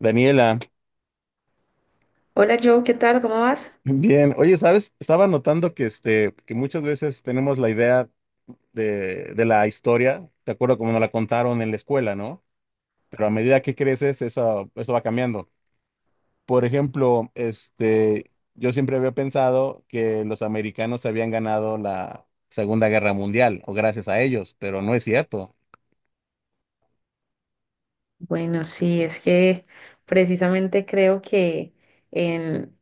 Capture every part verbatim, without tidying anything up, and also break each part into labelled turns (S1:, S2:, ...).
S1: Daniela,
S2: Hola Joe, ¿qué tal? ¿Cómo vas?
S1: bien. Oye, ¿sabes? Estaba notando que, este, que muchas veces tenemos la idea de, de la historia, de acuerdo como nos la contaron en la escuela, ¿no? Pero a medida que creces, eso, eso va cambiando. Por ejemplo, este, yo siempre había pensado que los americanos habían ganado la Segunda Guerra Mundial, o gracias a ellos, pero no es cierto.
S2: Bueno, sí, es que precisamente creo que en,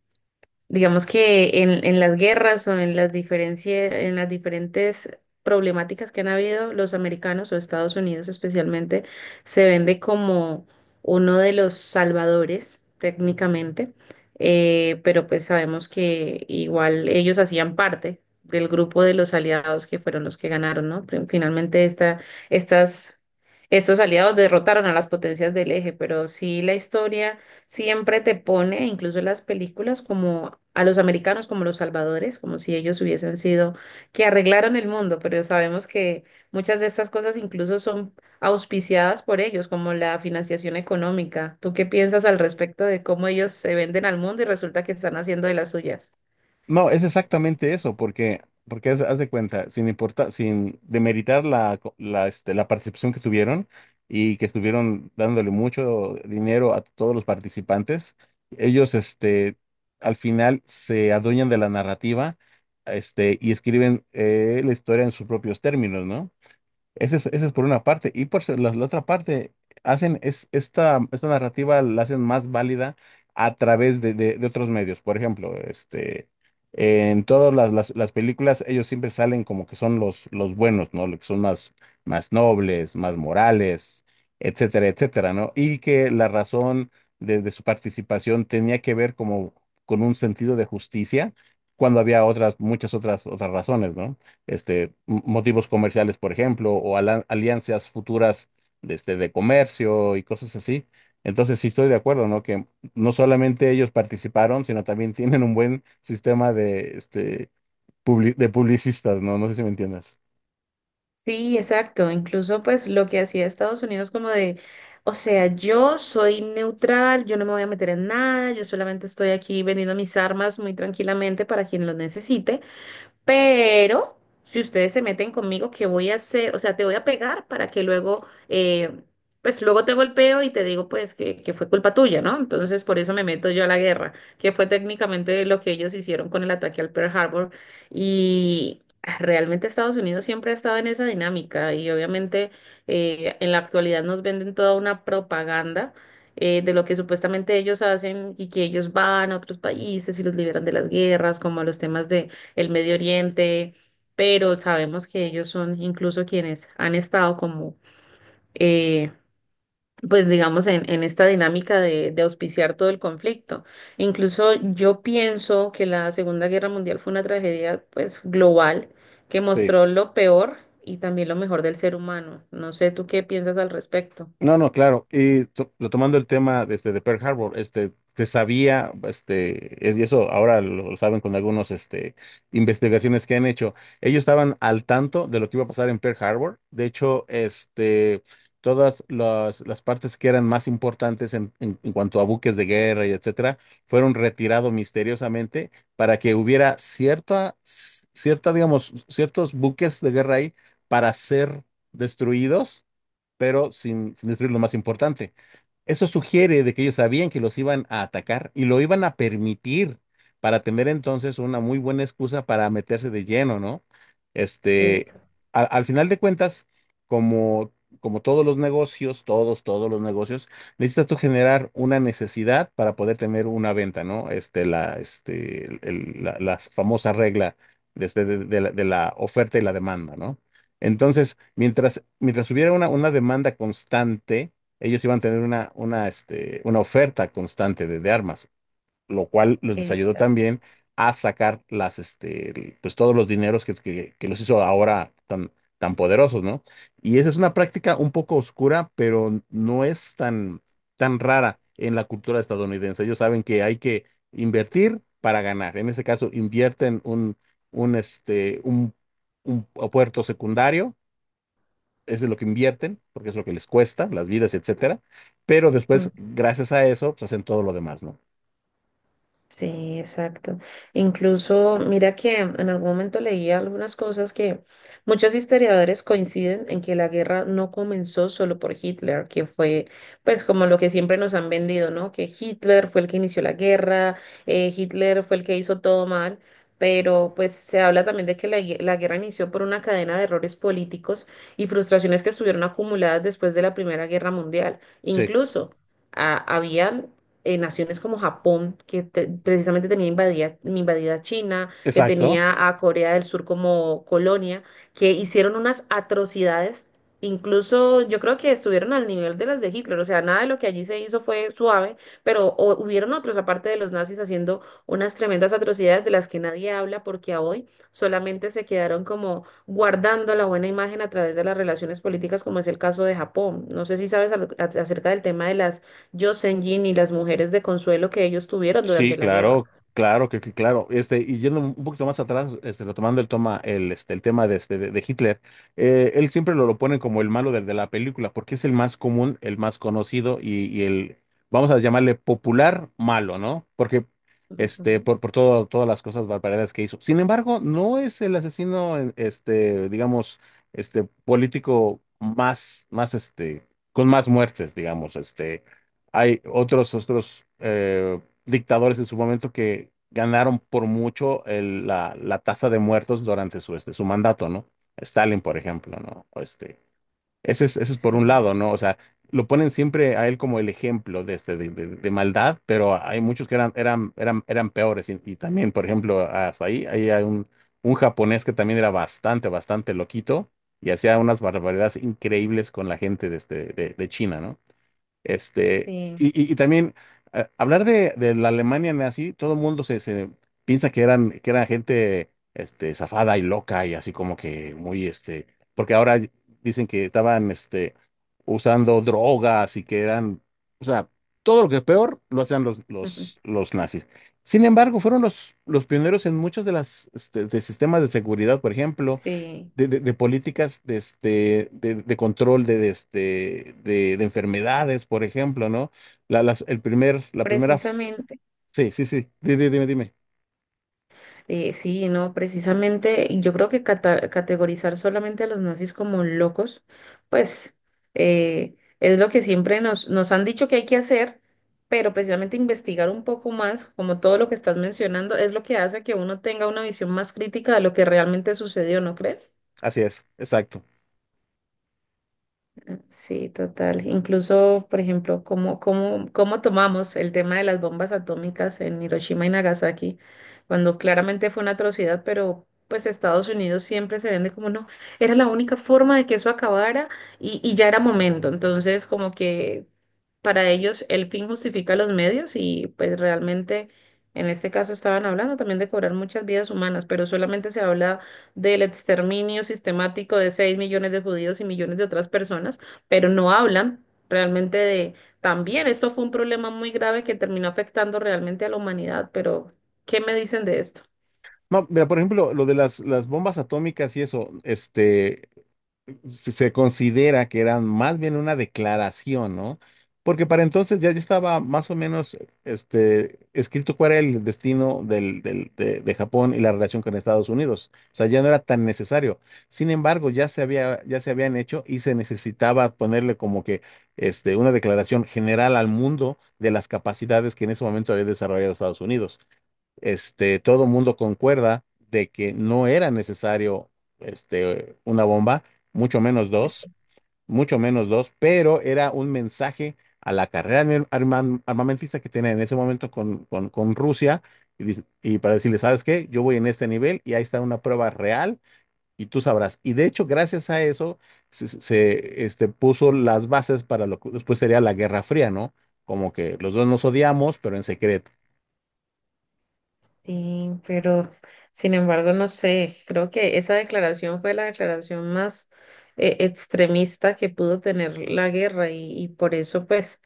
S2: digamos que en, en las guerras o en las diferencia- en las diferentes problemáticas que han habido, los americanos o Estados Unidos especialmente se vende como uno de los salvadores técnicamente, eh, pero pues sabemos que igual ellos hacían parte del grupo de los aliados que fueron los que ganaron, ¿no? Fin- Finalmente esta, estas, estos aliados derrotaron a las potencias del eje, pero sí la historia siempre te pone, incluso en las películas, como a los americanos, como los salvadores, como si ellos hubiesen sido que arreglaron el mundo, pero sabemos que muchas de estas cosas incluso son auspiciadas por ellos, como la financiación económica. ¿Tú qué piensas al respecto de cómo ellos se venden al mundo y resulta que están haciendo de las suyas?
S1: No, es exactamente eso, porque, porque haz, haz de cuenta, sin importar, sin demeritar la, co- la, este, la participación que tuvieron y que estuvieron dándole mucho dinero a todos los participantes, ellos, este, al final se adueñan de la narrativa, este, y escriben eh, la historia en sus propios términos, ¿no? Ese es, ese es por una parte. Y por se- la, la otra parte, hacen es, esta, esta narrativa la hacen más válida a través de, de- de otros medios. Por ejemplo, este, en todas las, las, las películas ellos siempre salen como que son los, los buenos, ¿no? Los que son más, más nobles, más morales, etcétera, etcétera, ¿no? Y que la razón de, de su participación tenía que ver como con un sentido de justicia cuando había otras, muchas otras, otras razones, ¿no? Este, m- motivos comerciales, por ejemplo, o ala- alianzas futuras de, este, de comercio y cosas así. Entonces, sí estoy de acuerdo, ¿no? Que no solamente ellos participaron, sino también tienen un buen sistema de, este, publi- de publicistas, ¿no? No sé si me entiendes.
S2: Sí, exacto. Incluso pues lo que hacía Estados Unidos como de, o sea, yo soy neutral, yo no me voy a meter en nada, yo solamente estoy aquí vendiendo mis armas muy tranquilamente para quien lo necesite. Pero si ustedes se meten conmigo, ¿qué voy a hacer? O sea, te voy a pegar para que luego, eh, pues luego te golpeo y te digo, pues, que, que fue culpa tuya, ¿no? Entonces, por eso me meto yo a la guerra, que fue técnicamente lo que ellos hicieron con el ataque al Pearl Harbor. Y ah, realmente Estados Unidos siempre ha estado en esa dinámica y obviamente eh, en la actualidad nos venden toda una propaganda. Eh, de lo que supuestamente ellos hacen y que ellos van a otros países y los liberan de las guerras, como a los temas de, el Medio Oriente, pero sabemos que ellos son incluso quienes han estado como, eh, pues digamos, en, en esta dinámica de, de auspiciar todo el conflicto. Incluso yo pienso que la Segunda Guerra Mundial fue una tragedia, pues, global que
S1: Sí.
S2: mostró lo peor y también lo mejor del ser humano. No sé, ¿tú qué piensas al respecto?
S1: No, no, claro. Y to- retomando el tema de este de Pearl Harbor, este, se sabía, este, es- y eso ahora lo, lo saben con algunos, este, investigaciones que han hecho. Ellos estaban al tanto de lo que iba a pasar en Pearl Harbor. De hecho, este, todas las, las partes que eran más importantes en, en- en cuanto a buques de guerra y etcétera, fueron retirados misteriosamente para que hubiera cierta, cierta, digamos, ciertos buques de guerra ahí para ser destruidos pero sin, sin destruir lo más importante. Eso sugiere de que ellos sabían que los iban a atacar y lo iban a permitir para tener entonces una muy buena excusa para meterse de lleno, ¿no? Este,
S2: Exacto,
S1: a- Al final de cuentas, como, como todos los negocios, todos, todos los negocios, necesitas tú generar una necesidad para poder tener una venta, ¿no? Este, la, este, el- el- la, la famosa regla de, este- de de la de la oferta y la demanda, ¿no? Entonces, mientras, mientras hubiera una, una demanda constante, ellos iban a tener una, una, este, una oferta constante de, de armas, lo cual les ayudó
S2: exacto.
S1: también a sacar las, este, pues todos los dineros que, que- que los hizo ahora tan, tan poderosos, ¿no? Y esa es una práctica un poco oscura, pero no es tan, tan rara en la cultura estadounidense. Ellos saben que hay que invertir para ganar. En este caso, invierten un, un, este, un un puerto secundario es de lo que invierten, porque es lo que les cuesta, las vidas, etcétera. Pero después, gracias a eso, pues hacen todo lo demás, ¿no?
S2: Sí, exacto. Incluso, mira que en algún momento leí algunas cosas que muchos historiadores coinciden en que la guerra no comenzó solo por Hitler, que fue pues como lo que siempre nos han vendido, ¿no? Que Hitler fue el que inició la guerra, eh, Hitler fue el que hizo todo mal, pero pues se habla también de que la, gue- la guerra inició por una cadena de errores políticos y frustraciones que estuvieron acumuladas después de la Primera Guerra Mundial.
S1: Sí,
S2: Incluso había eh, naciones como Japón, que te- precisamente tenía invadida, invadida China, que
S1: exacto.
S2: tenía a Corea del Sur como colonia, que hicieron unas atrocidades, incluso yo creo que estuvieron al nivel de las de Hitler, o sea, nada de lo que allí se hizo fue suave, pero o- hubieron otros, aparte de los nazis, haciendo unas tremendas atrocidades de las que nadie habla porque a hoy solamente se quedaron como guardando la buena imagen a través de las relaciones políticas, como es el caso de Japón. No sé si sabes al- a- acerca del tema de las Yosenjin y las mujeres de consuelo que ellos tuvieron
S1: Sí,
S2: durante la guerra.
S1: claro, claro, que, que claro. Este, y yendo un un poquito más atrás, este, retomando el toma, el, este, el tema de, este, de, de Hitler, eh, él siempre lo, lo ponen como el malo de, de la película, porque es el más común, el más conocido y, y el, vamos a llamarle popular malo, ¿no? Porque, este,
S2: Ujú.
S1: por, por todo, todas las cosas barbaridades que hizo. Sin embargo, no es el asesino, eh, este, digamos, este, político más, más, este, con más muertes, digamos, este. Hay otros, otros eh, dictadores en su momento que ganaron por mucho el- la la tasa de muertos durante su, este, su mandato, ¿no? Stalin, por ejemplo, ¿no? O este, ese es, ese es por
S2: Sí,
S1: un lado, ¿no? O sea, lo ponen siempre a él como el ejemplo de, este, de, de- de maldad, pero hay muchos que eran, eran, eran, eran peores. Y, y también, por ejemplo, hasta ahí, ahí hay un, un japonés que también era bastante, bastante loquito y hacía unas barbaridades increíbles con la gente de, este, de, de China, ¿no? Este,
S2: sí,
S1: y, y- y también eh, hablar de, de la Alemania nazi, todo el mundo se, se piensa que eran, que era gente este, zafada y loca y así como que muy, este, porque ahora dicen que estaban este, usando drogas y que eran, o sea, todo lo que es peor lo hacían los,
S2: Ujú,
S1: los, los nazis. Sin embargo, fueron los, los pioneros en muchos de las este, de sistemas de seguridad, por ejemplo
S2: Sí,
S1: de, de- de políticas de, este, de, de control de, de, este, de, de enfermedades, por ejemplo, ¿no? La, las- el primer, la primera, f-
S2: precisamente,
S1: sí, sí, sí, di- di- dime, dime.
S2: eh, sí, no, precisamente, y yo creo que cata- categorizar solamente a los nazis como locos, pues eh, es lo que siempre nos, nos han dicho que hay que hacer, pero precisamente investigar un poco más, como todo lo que estás mencionando, es lo que hace que uno tenga una visión más crítica de lo que realmente sucedió, ¿no crees?
S1: Así es, exacto.
S2: Sí, total. Incluso, por ejemplo, cómo, cómo, cómo tomamos el tema de las bombas atómicas en Hiroshima y Nagasaki, cuando claramente fue una atrocidad, pero pues Estados Unidos siempre se vende como no, era la única forma de que eso acabara y, y ya era momento. Entonces, como que para ellos el fin justifica los medios y pues realmente en este caso estaban hablando también de cobrar muchas vidas humanas, pero solamente se habla del exterminio sistemático de seis millones de judíos y millones de otras personas, pero no hablan realmente de... También esto fue un problema muy grave que terminó afectando realmente a la humanidad, pero ¿qué me dicen de esto?
S1: No, mira, por ejemplo, lo de las, las bombas atómicas y eso, este, se se considera que eran más bien una declaración, ¿no? Porque para entonces ya, ya estaba más o menos este, escrito cuál era el destino del, del- de, de Japón y la relación con Estados Unidos. O sea, ya no era tan necesario. Sin embargo, ya se había, ya se habían hecho y se necesitaba ponerle como que este, una declaración general al mundo de las capacidades que en ese momento había desarrollado Estados Unidos. Este, todo mundo concuerda de que no era necesario, este, una bomba, mucho menos
S2: Eso.
S1: dos, mucho menos dos, pero era un mensaje a la carrera arma- arma- armamentista que tenía en ese momento con, con, con Rusia y, dice- y para decirle, ¿sabes qué? Yo voy en este nivel y ahí está una prueba real y tú sabrás. Y de hecho, gracias a eso, se, se, este, puso las bases para lo que después sería la Guerra Fría, ¿no? Como que los dos nos odiamos, pero en secreto.
S2: Sí, pero sin embargo, no sé, creo que esa declaración fue la declaración más eh, extremista que pudo tener la guerra y, y por eso pues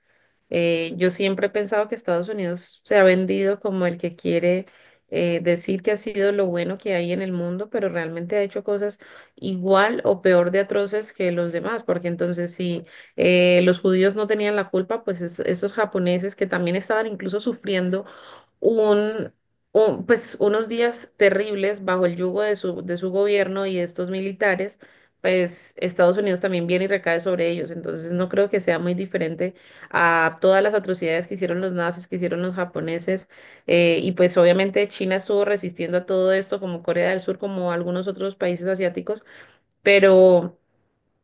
S2: Eh, yo siempre he pensado que Estados Unidos se ha vendido como el que quiere eh, decir que ha sido lo bueno que hay en el mundo, pero realmente ha hecho cosas igual o peor de atroces que los demás, porque entonces si eh, los judíos no tenían la culpa, pues es- esos japoneses que también estaban incluso sufriendo un, un- pues unos días terribles bajo el yugo de su, de su gobierno y de estos militares, pues Estados Unidos también viene y recae sobre ellos. Entonces no creo que sea muy diferente a todas las atrocidades que hicieron los nazis, que hicieron los japoneses. Eh, y pues obviamente China estuvo resistiendo a todo esto, como Corea del Sur, como algunos otros países asiáticos, pero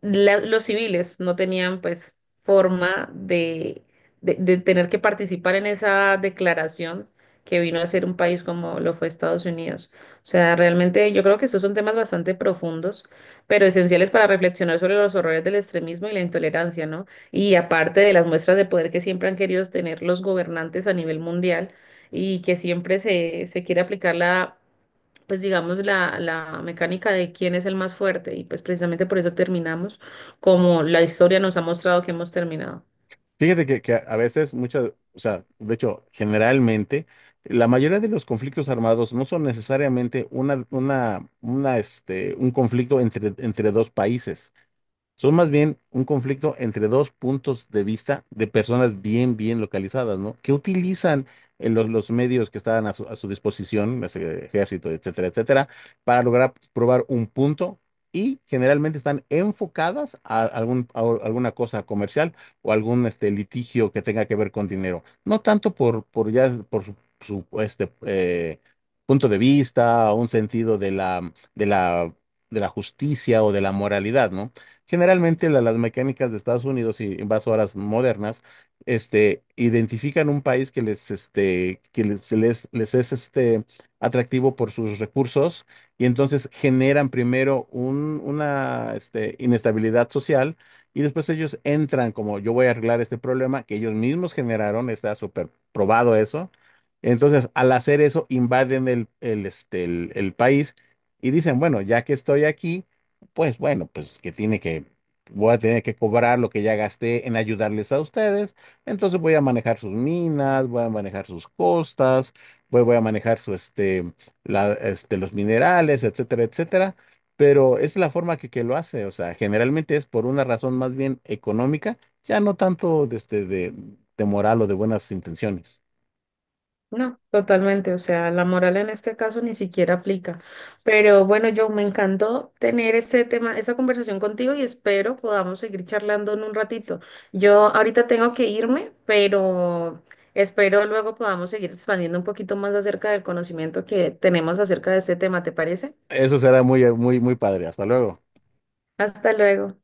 S2: la- los civiles no tenían pues forma de, de, de tener que participar en esa declaración que vino a ser un país como lo fue Estados Unidos. O sea, realmente yo creo que esos son temas bastante profundos, pero esenciales para reflexionar sobre los horrores del extremismo y la intolerancia, ¿no? Y aparte de las muestras de poder que siempre han querido tener los gobernantes a nivel mundial y que siempre se, se quiere aplicar la pues digamos, la, la mecánica de quién es el más fuerte y pues precisamente por eso terminamos como la historia nos ha mostrado que hemos terminado.
S1: Fíjate que, que a veces muchas, o sea, de hecho, generalmente, la mayoría de los conflictos armados no son necesariamente una, una, una, este, un conflicto entre, entre dos países. Son más bien un conflicto entre dos puntos de vista de personas bien, bien localizadas, ¿no? Que utilizan eh, los, los medios que estaban a su, a su disposición, las, eh, ejército, etcétera, etcétera, para lograr probar un punto y generalmente están enfocadas a, algún, a o- alguna cosa comercial o algún este, litigio que tenga que ver con dinero. No tanto por, por ya, por su, su, este, eh, punto de vista o un sentido de la, de la, de la justicia o de la moralidad, ¿no? Generalmente la- las mecánicas de Estados Unidos y invasoras modernas, este, identifican un país que les, este, que les, se les, les es, este, atractivo por sus recursos y entonces generan primero un- una, este, inestabilidad social y después ellos entran como yo voy a arreglar este problema que ellos mismos generaron, está súper probado eso. Entonces, al hacer eso, invaden el, el, este, el el país y dicen, bueno, ya que estoy aquí pues bueno, pues que tiene que, voy a tener que cobrar lo que ya gasté en ayudarles a ustedes. Entonces voy a manejar sus minas, voy a manejar sus costas, voy, voy a manejar su, este, la, este, los minerales, etcétera, etcétera. Pero es la forma que, que lo hace. O sea, generalmente es por una razón más bien económica, ya no tanto de, este, de, de moral o de buenas intenciones.
S2: No, totalmente, o sea, la moral en este caso ni siquiera aplica. Pero bueno, yo me encantó tener este tema, esta conversación contigo y espero podamos seguir charlando en un ratito. Yo ahorita tengo que irme, pero espero luego podamos seguir expandiendo un poquito más acerca del conocimiento que tenemos acerca de este tema, ¿te parece?
S1: Eso será muy, muy, muy padre. Hasta luego.
S2: Hasta luego.